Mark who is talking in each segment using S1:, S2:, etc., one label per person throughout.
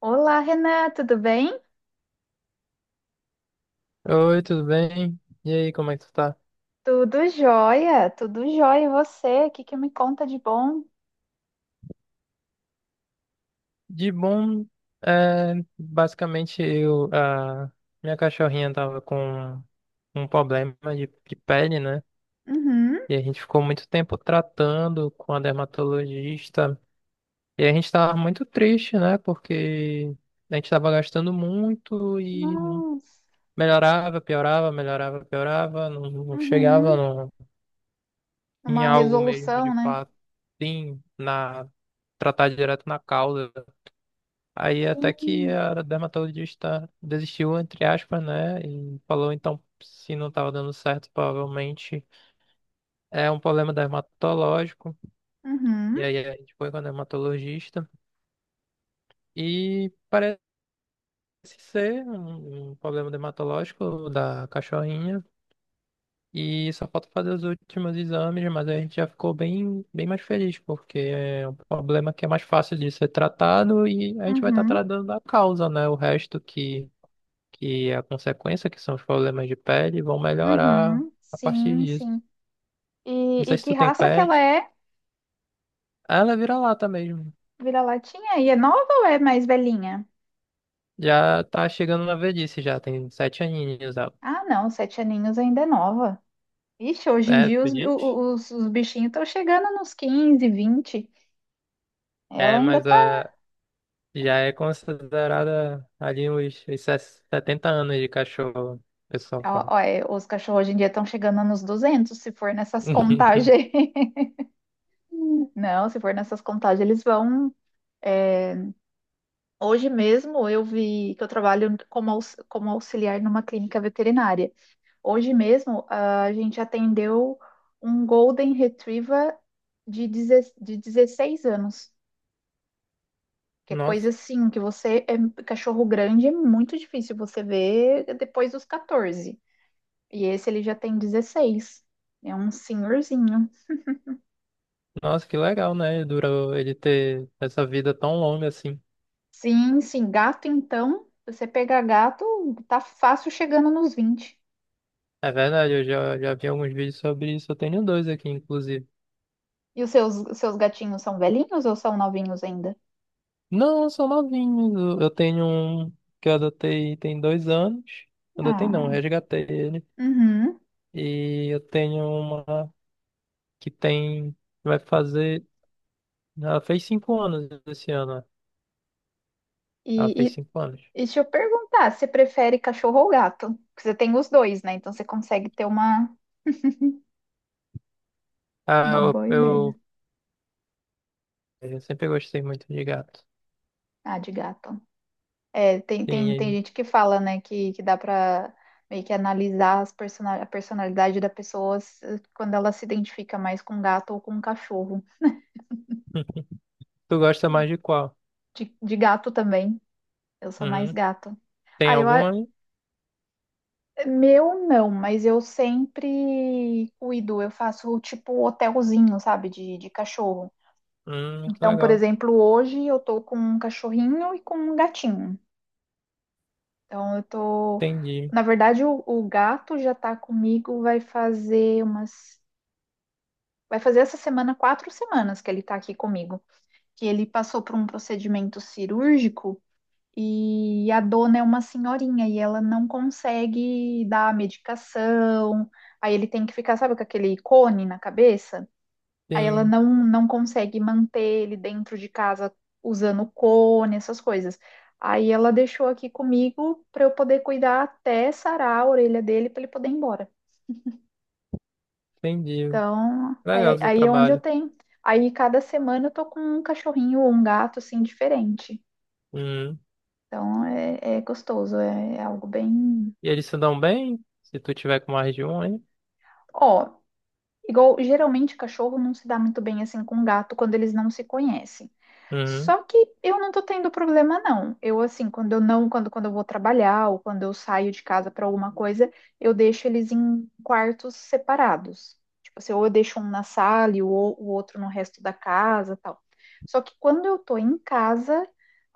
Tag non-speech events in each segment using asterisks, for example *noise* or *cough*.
S1: Olá, Renan, tudo bem?
S2: Oi, tudo bem? E aí, como é que tu tá?
S1: Tudo jóia, tudo jóia. E você? O que que me conta de bom?
S2: De bom, é, basicamente eu, a minha cachorrinha tava com um problema de pele, né?
S1: Uhum.
S2: E a gente ficou muito tempo tratando com a dermatologista. E a gente tava muito triste, né? Porque a gente tava gastando muito e não
S1: Nossa.
S2: melhorava, piorava, melhorava, piorava, não, não chegava
S1: Uhum.
S2: em
S1: Uma
S2: algo mesmo de
S1: resolução, né?
S2: fato, sim, na tratar direto na causa. Aí até que
S1: Sim.
S2: a dermatologista desistiu, entre aspas, né? E falou, então, se não estava dando certo, provavelmente é um problema dermatológico. E
S1: Uhum.
S2: aí a gente foi com a dermatologista. E parece ser um problema dermatológico da cachorrinha. E só falta fazer os últimos exames, mas a gente já ficou bem, bem mais feliz, porque é um problema que é mais fácil de ser tratado e a gente vai estar
S1: Uhum.
S2: tratando a causa, né? O resto que é a consequência, que são os problemas de pele, vão melhorar
S1: Uhum.
S2: a partir
S1: Sim,
S2: disso.
S1: sim. E,
S2: Não
S1: e
S2: sei se
S1: que
S2: tu tem
S1: raça que ela
S2: pet.
S1: é?
S2: Ah, ela vira lata mesmo.
S1: Vira-latinha? E é nova ou é mais velhinha?
S2: Já tá chegando na velhice, já tem sete aninhos ela.
S1: Ah, não, 7 aninhos ainda é nova. Ixi, hoje em
S2: É,
S1: dia
S2: tu
S1: os,
S2: diz?
S1: os, os bichinhos estão chegando nos 15, 20. Ela
S2: É,
S1: ainda
S2: mas
S1: tá.
S2: já é considerada ali uns 70 anos de cachorro, o pessoal fala.
S1: Ó, ó, é, os cachorros hoje em dia estão chegando nos 200, se for nessas contagens.
S2: *laughs*
S1: *laughs* Não, se for nessas contagens, eles vão. É, hoje mesmo eu vi que eu trabalho como auxiliar numa clínica veterinária. Hoje mesmo a gente atendeu um Golden Retriever de 16 anos. Que é coisa
S2: Nossa,
S1: assim, que você é cachorro grande, é muito difícil você ver depois dos 14. E esse ele já tem 16. É um senhorzinho.
S2: nossa, que legal, né? Durou ele ter essa vida tão longa assim.
S1: Sim, sim. Gato, então, se você pegar gato, tá fácil chegando nos 20.
S2: É verdade, eu já vi alguns vídeos sobre isso. Eu tenho dois aqui, inclusive.
S1: E os seus gatinhos são velhinhos ou são novinhos ainda?
S2: Não, são novinhos. Eu tenho um que eu adotei tem dois anos. Adotei não,
S1: Ah,
S2: resgatei ele.
S1: uhum.
S2: E eu tenho uma que tem. Vai fazer. Ela fez cinco anos esse ano, né? Ela
S1: E, e,
S2: fez
S1: e
S2: cinco anos.
S1: deixa eu perguntar, você prefere cachorro ou gato? Porque você tem os dois, né? Então você consegue ter uma,
S2: Ah,
S1: uma
S2: eu,
S1: boa ideia.
S2: eu, eu sempre gostei muito de gato.
S1: Ah, de gato. É, tem
S2: Sim,
S1: gente que fala, né, que dá pra meio que analisar a personalidade da pessoa quando ela se identifica mais com gato ou com cachorro.
S2: e- *laughs* tu gosta mais de qual?
S1: De gato também, eu sou mais
S2: Uhum.
S1: gato.
S2: Tem
S1: Ah,
S2: alguma aí?
S1: meu não, mas eu sempre cuido, eu faço tipo hotelzinho, sabe, de cachorro.
S2: Que
S1: Então, por
S2: legal.
S1: exemplo, hoje eu tô com um cachorrinho e com um gatinho. Então, eu tô.
S2: Entendi.
S1: Na verdade, o gato já tá comigo, vai fazer essa semana 4 semanas que ele tá aqui comigo. Que ele passou por um procedimento cirúrgico e a dona é uma senhorinha e ela não consegue dar a medicação. Aí ele tem que ficar, sabe, com aquele cone na cabeça? Aí ela
S2: Sim,
S1: não, não consegue manter ele dentro de casa usando cone, essas coisas. Aí ela deixou aqui comigo para eu poder cuidar até sarar a orelha dele para ele poder ir embora.
S2: entendi.
S1: Então,
S2: Legal
S1: aí,
S2: o seu
S1: aí é onde eu
S2: trabalho.
S1: tenho. Aí cada semana eu tô com um cachorrinho ou um gato assim diferente.
S2: Uhum.
S1: Então é gostoso, é algo bem.
S2: E eles se dão bem? Se tu tiver com mais de um, aí?
S1: Ó, igual, geralmente, cachorro não se dá muito bem assim com gato quando eles não se conhecem.
S2: Uhum,
S1: Só que eu não tô tendo problema, não. Eu, assim, quando eu não, quando, quando eu vou trabalhar ou quando eu saio de casa para alguma coisa, eu deixo eles em quartos separados. Tipo assim, ou eu deixo um na sala e o outro no resto da casa, tal. Só que quando eu tô em casa,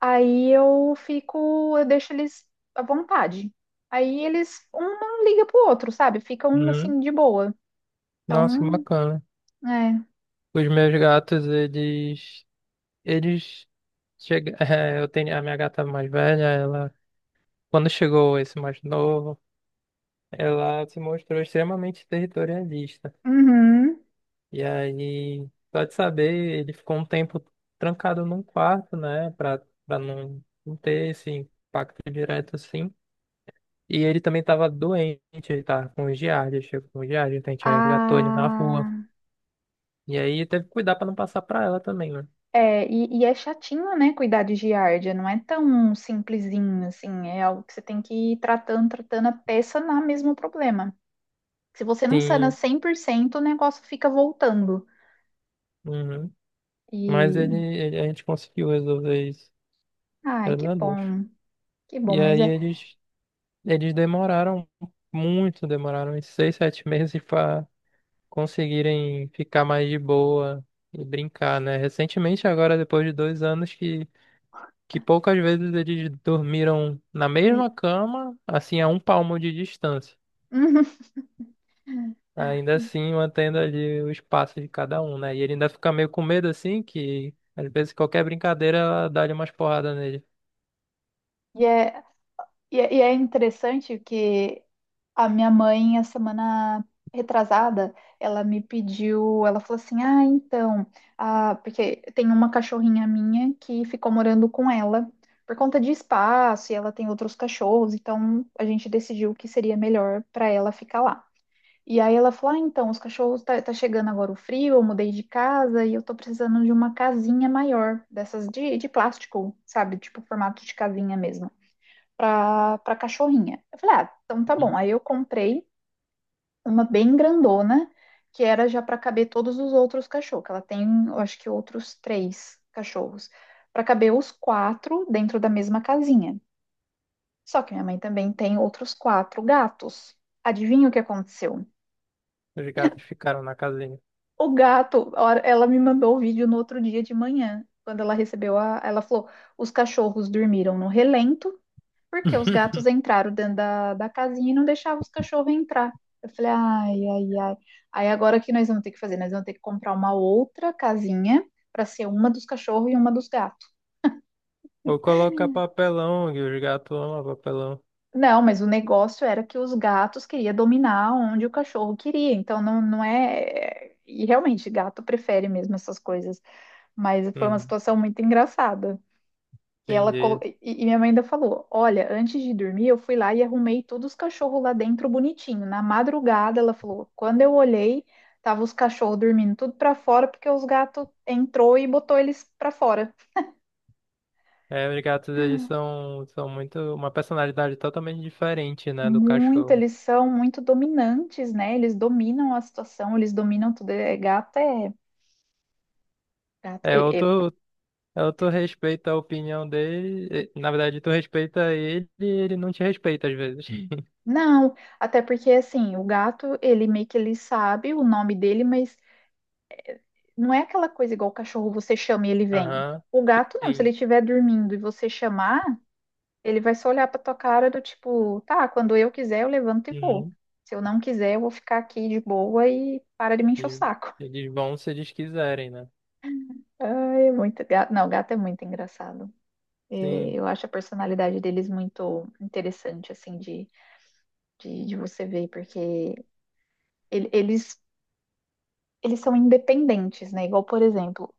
S1: aí eu fico, eu deixo eles à vontade. Aí eles, um não liga pro outro, sabe? Ficam,
S2: uhum.
S1: assim, de boa.
S2: Nossa, que
S1: Então,
S2: bacana.
S1: é.
S2: Os meus gatos, eles chega, *laughs* eu tenho a minha gata mais velha, ela, quando chegou esse mais novo, ela se mostrou extremamente territorialista.
S1: Uhum.
S2: E aí, só de saber, ele ficou um tempo trancado num quarto, né, pra não, não ter esse impacto direto assim. E ele também estava doente, ele tava com giardia, chegou com giardia, então a gente resgatou ele na rua.
S1: Ah,
S2: E aí teve que cuidar pra não passar pra ela também, né?
S1: é, e é chatinho, né, cuidar de giardia, não é tão simplesinho assim, é algo que você tem que ir tratando, tratando a peça na mesmo problema. Se você não sana
S2: Sim,
S1: 100% o negócio fica voltando.
S2: uhum. Mas ele,
S1: E,
S2: ele- a gente conseguiu resolver isso,
S1: ai,
S2: graças a Deus.
S1: que bom,
S2: E
S1: mas
S2: aí
S1: é.
S2: eles demoraram muito, demoraram uns seis, sete *laughs* meses para conseguirem ficar mais de boa e brincar, né? Recentemente, agora depois de dois anos, que poucas vezes eles dormiram na mesma cama, assim, a um palmo de distância.
S1: Uhum.
S2: Ainda
S1: *laughs*
S2: assim, mantendo ali o espaço de cada um, né? E ele ainda fica meio com medo assim, que às vezes qualquer brincadeira ela dá-lhe umas porradas nele.
S1: E é, é interessante que a minha mãe, a semana retrasada, ela me pediu, ela falou assim: Ah, então, ah, porque tem uma cachorrinha minha que ficou morando com ela por conta de espaço e ela tem outros cachorros, então a gente decidiu que seria melhor para ela ficar lá. E aí ela falou: Ah, então, os cachorros tá chegando agora o frio, eu mudei de casa e eu tô precisando de uma casinha maior, dessas de plástico, sabe? Tipo, formato de casinha mesmo, pra cachorrinha. Eu falei: Ah, então tá bom.
S2: Uhum.
S1: Aí eu comprei uma bem grandona, que era já para caber todos os outros cachorros, que ela tem, eu acho que outros três cachorros, para caber os quatro dentro da mesma casinha. Só que minha mãe também tem outros quatro gatos. Adivinha o que aconteceu?
S2: Os gatos
S1: *laughs*
S2: ficaram na casinha.
S1: O gato, ela me mandou o vídeo no outro dia de manhã, quando ela recebeu ela falou, os cachorros dormiram no relento. Porque os gatos
S2: *laughs*
S1: entraram dentro da casinha e não deixavam os cachorros entrar. Eu falei, ai, ai, ai. Aí agora o que nós vamos ter que fazer? Nós vamos ter que comprar uma outra casinha para ser uma dos cachorros e uma dos gatos.
S2: Ou coloca papelão, que os gatos amam papelão.
S1: Não, mas o negócio era que os gatos queriam dominar onde o cachorro queria. Então não, não é. E realmente, gato prefere mesmo essas coisas. Mas foi uma
S2: Hum,
S1: situação muito engraçada. Que ela colo...
S2: entendi.
S1: e minha mãe ainda falou: Olha, antes de dormir, eu fui lá e arrumei todos os cachorros lá dentro bonitinho. Na madrugada, ela falou: Quando eu olhei, tava os cachorros dormindo tudo pra fora, porque os gatos entrou e botou eles pra fora.
S2: É, os gatos, eles são, são muito... Uma personalidade totalmente diferente, né, do
S1: Muito,
S2: cachorro.
S1: eles são muito dominantes, né? Eles dominam a situação, eles dominam tudo. É, gato é. Gato
S2: É,
S1: é, é-
S2: ou tu respeita a opinião dele... e, na verdade, tu respeita ele e ele não te respeita às vezes. *laughs*
S1: Não, até porque assim, o gato, ele meio que ele sabe o nome dele, mas não é aquela coisa igual o cachorro, você chama e ele vem.
S2: Aham,
S1: O gato não, se ele estiver dormindo e você chamar, ele vai só olhar pra tua cara do tipo, tá, quando eu quiser eu levanto e vou.
S2: uhum.
S1: Se eu não quiser, eu vou ficar aqui de boa e para de me encher o
S2: E
S1: saco.
S2: eles vão se eles quiserem, né?
S1: *laughs* Ai, é muito gato. Não, o gato é muito engraçado. É,
S2: Sim.
S1: eu acho a personalidade deles muito interessante, assim, de você ver, porque ele- eles, eles são independentes, né? Igual, por exemplo,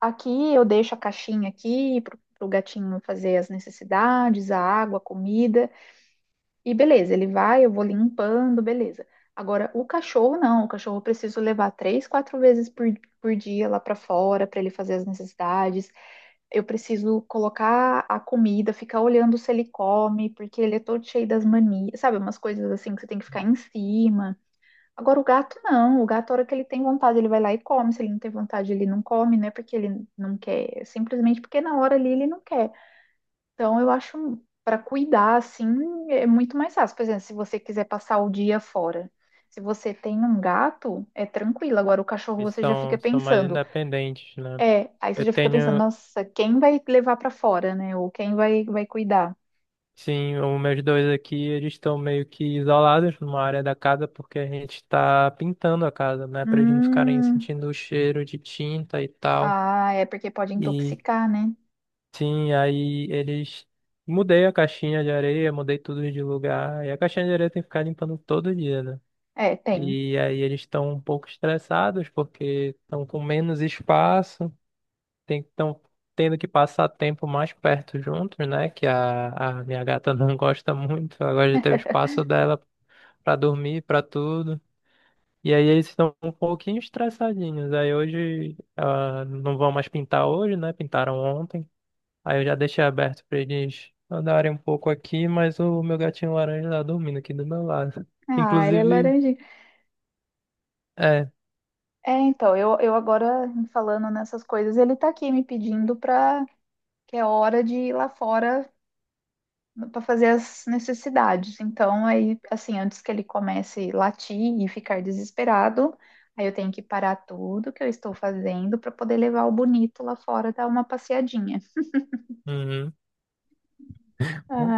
S1: aqui eu deixo a caixinha aqui pro gatinho fazer as necessidades, a água, a comida, e beleza, ele vai, eu vou limpando, beleza. Agora, o cachorro não, o cachorro eu preciso levar três, quatro vezes por dia lá para fora para ele fazer as necessidades. Eu preciso colocar a comida, ficar olhando se ele come, porque ele é todo cheio das manias, sabe? Umas coisas assim que você tem que ficar em cima. Agora, o gato não. O gato, a hora que ele tem vontade, ele vai lá e come. Se ele não tem vontade, ele não come, não é porque ele não quer, é simplesmente porque na hora ali ele não quer. Então, eu acho, para cuidar, assim, é muito mais fácil. Por exemplo, se você quiser passar o dia fora. Se você tem um gato, é tranquilo. Agora, o cachorro,
S2: Eles
S1: você já fica
S2: são, são mais
S1: pensando.
S2: independentes, né?
S1: É, aí você
S2: Eu
S1: já fica pensando,
S2: tenho,
S1: nossa, quem vai levar para fora, né? Ou quem vai cuidar?
S2: sim, os meus dois aqui, eles estão meio que isolados numa área da casa porque a gente está pintando a casa, né? Para eles não ficarem
S1: Hum,
S2: sentindo o cheiro de tinta e tal.
S1: ah, é porque pode
S2: E
S1: intoxicar, né?
S2: sim, aí eles. Mudei a caixinha de areia, mudei tudo de lugar. E a caixinha de areia tem que ficar limpando todo dia, né?
S1: É, tem.
S2: E aí eles estão um pouco estressados porque estão com menos espaço. Tem estão tendo que passar tempo mais perto juntos, né? Que a minha gata *laughs* não gosta muito. Ela gosta de ter o espaço dela pra dormir, pra tudo. E aí eles estão um pouquinho estressadinhos. Aí hoje ah, não vão mais pintar hoje, né? Pintaram ontem. Aí eu já deixei aberto pra eles andarem um pouco aqui, mas o meu gatinho laranja tá dormindo aqui do meu lado. *laughs*
S1: Ah, ele é
S2: Inclusive,
S1: laranjinha.
S2: é.
S1: É, então, eu agora falando nessas coisas, ele tá aqui me pedindo pra que é hora de ir lá fora pra fazer as necessidades. Então, aí, assim, antes que ele comece a latir e ficar desesperado, aí eu tenho que parar tudo que eu estou fazendo pra poder levar o bonito lá fora dar uma passeadinha.
S2: Uhum.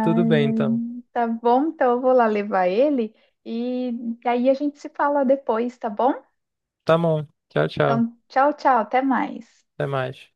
S2: Tudo bem
S1: ai,
S2: então.
S1: tá bom, então eu vou lá levar ele e aí a gente se fala depois, tá bom?
S2: Tá bom. Tchau, tchau.
S1: Então, tchau, tchau, até mais.
S2: Até mais.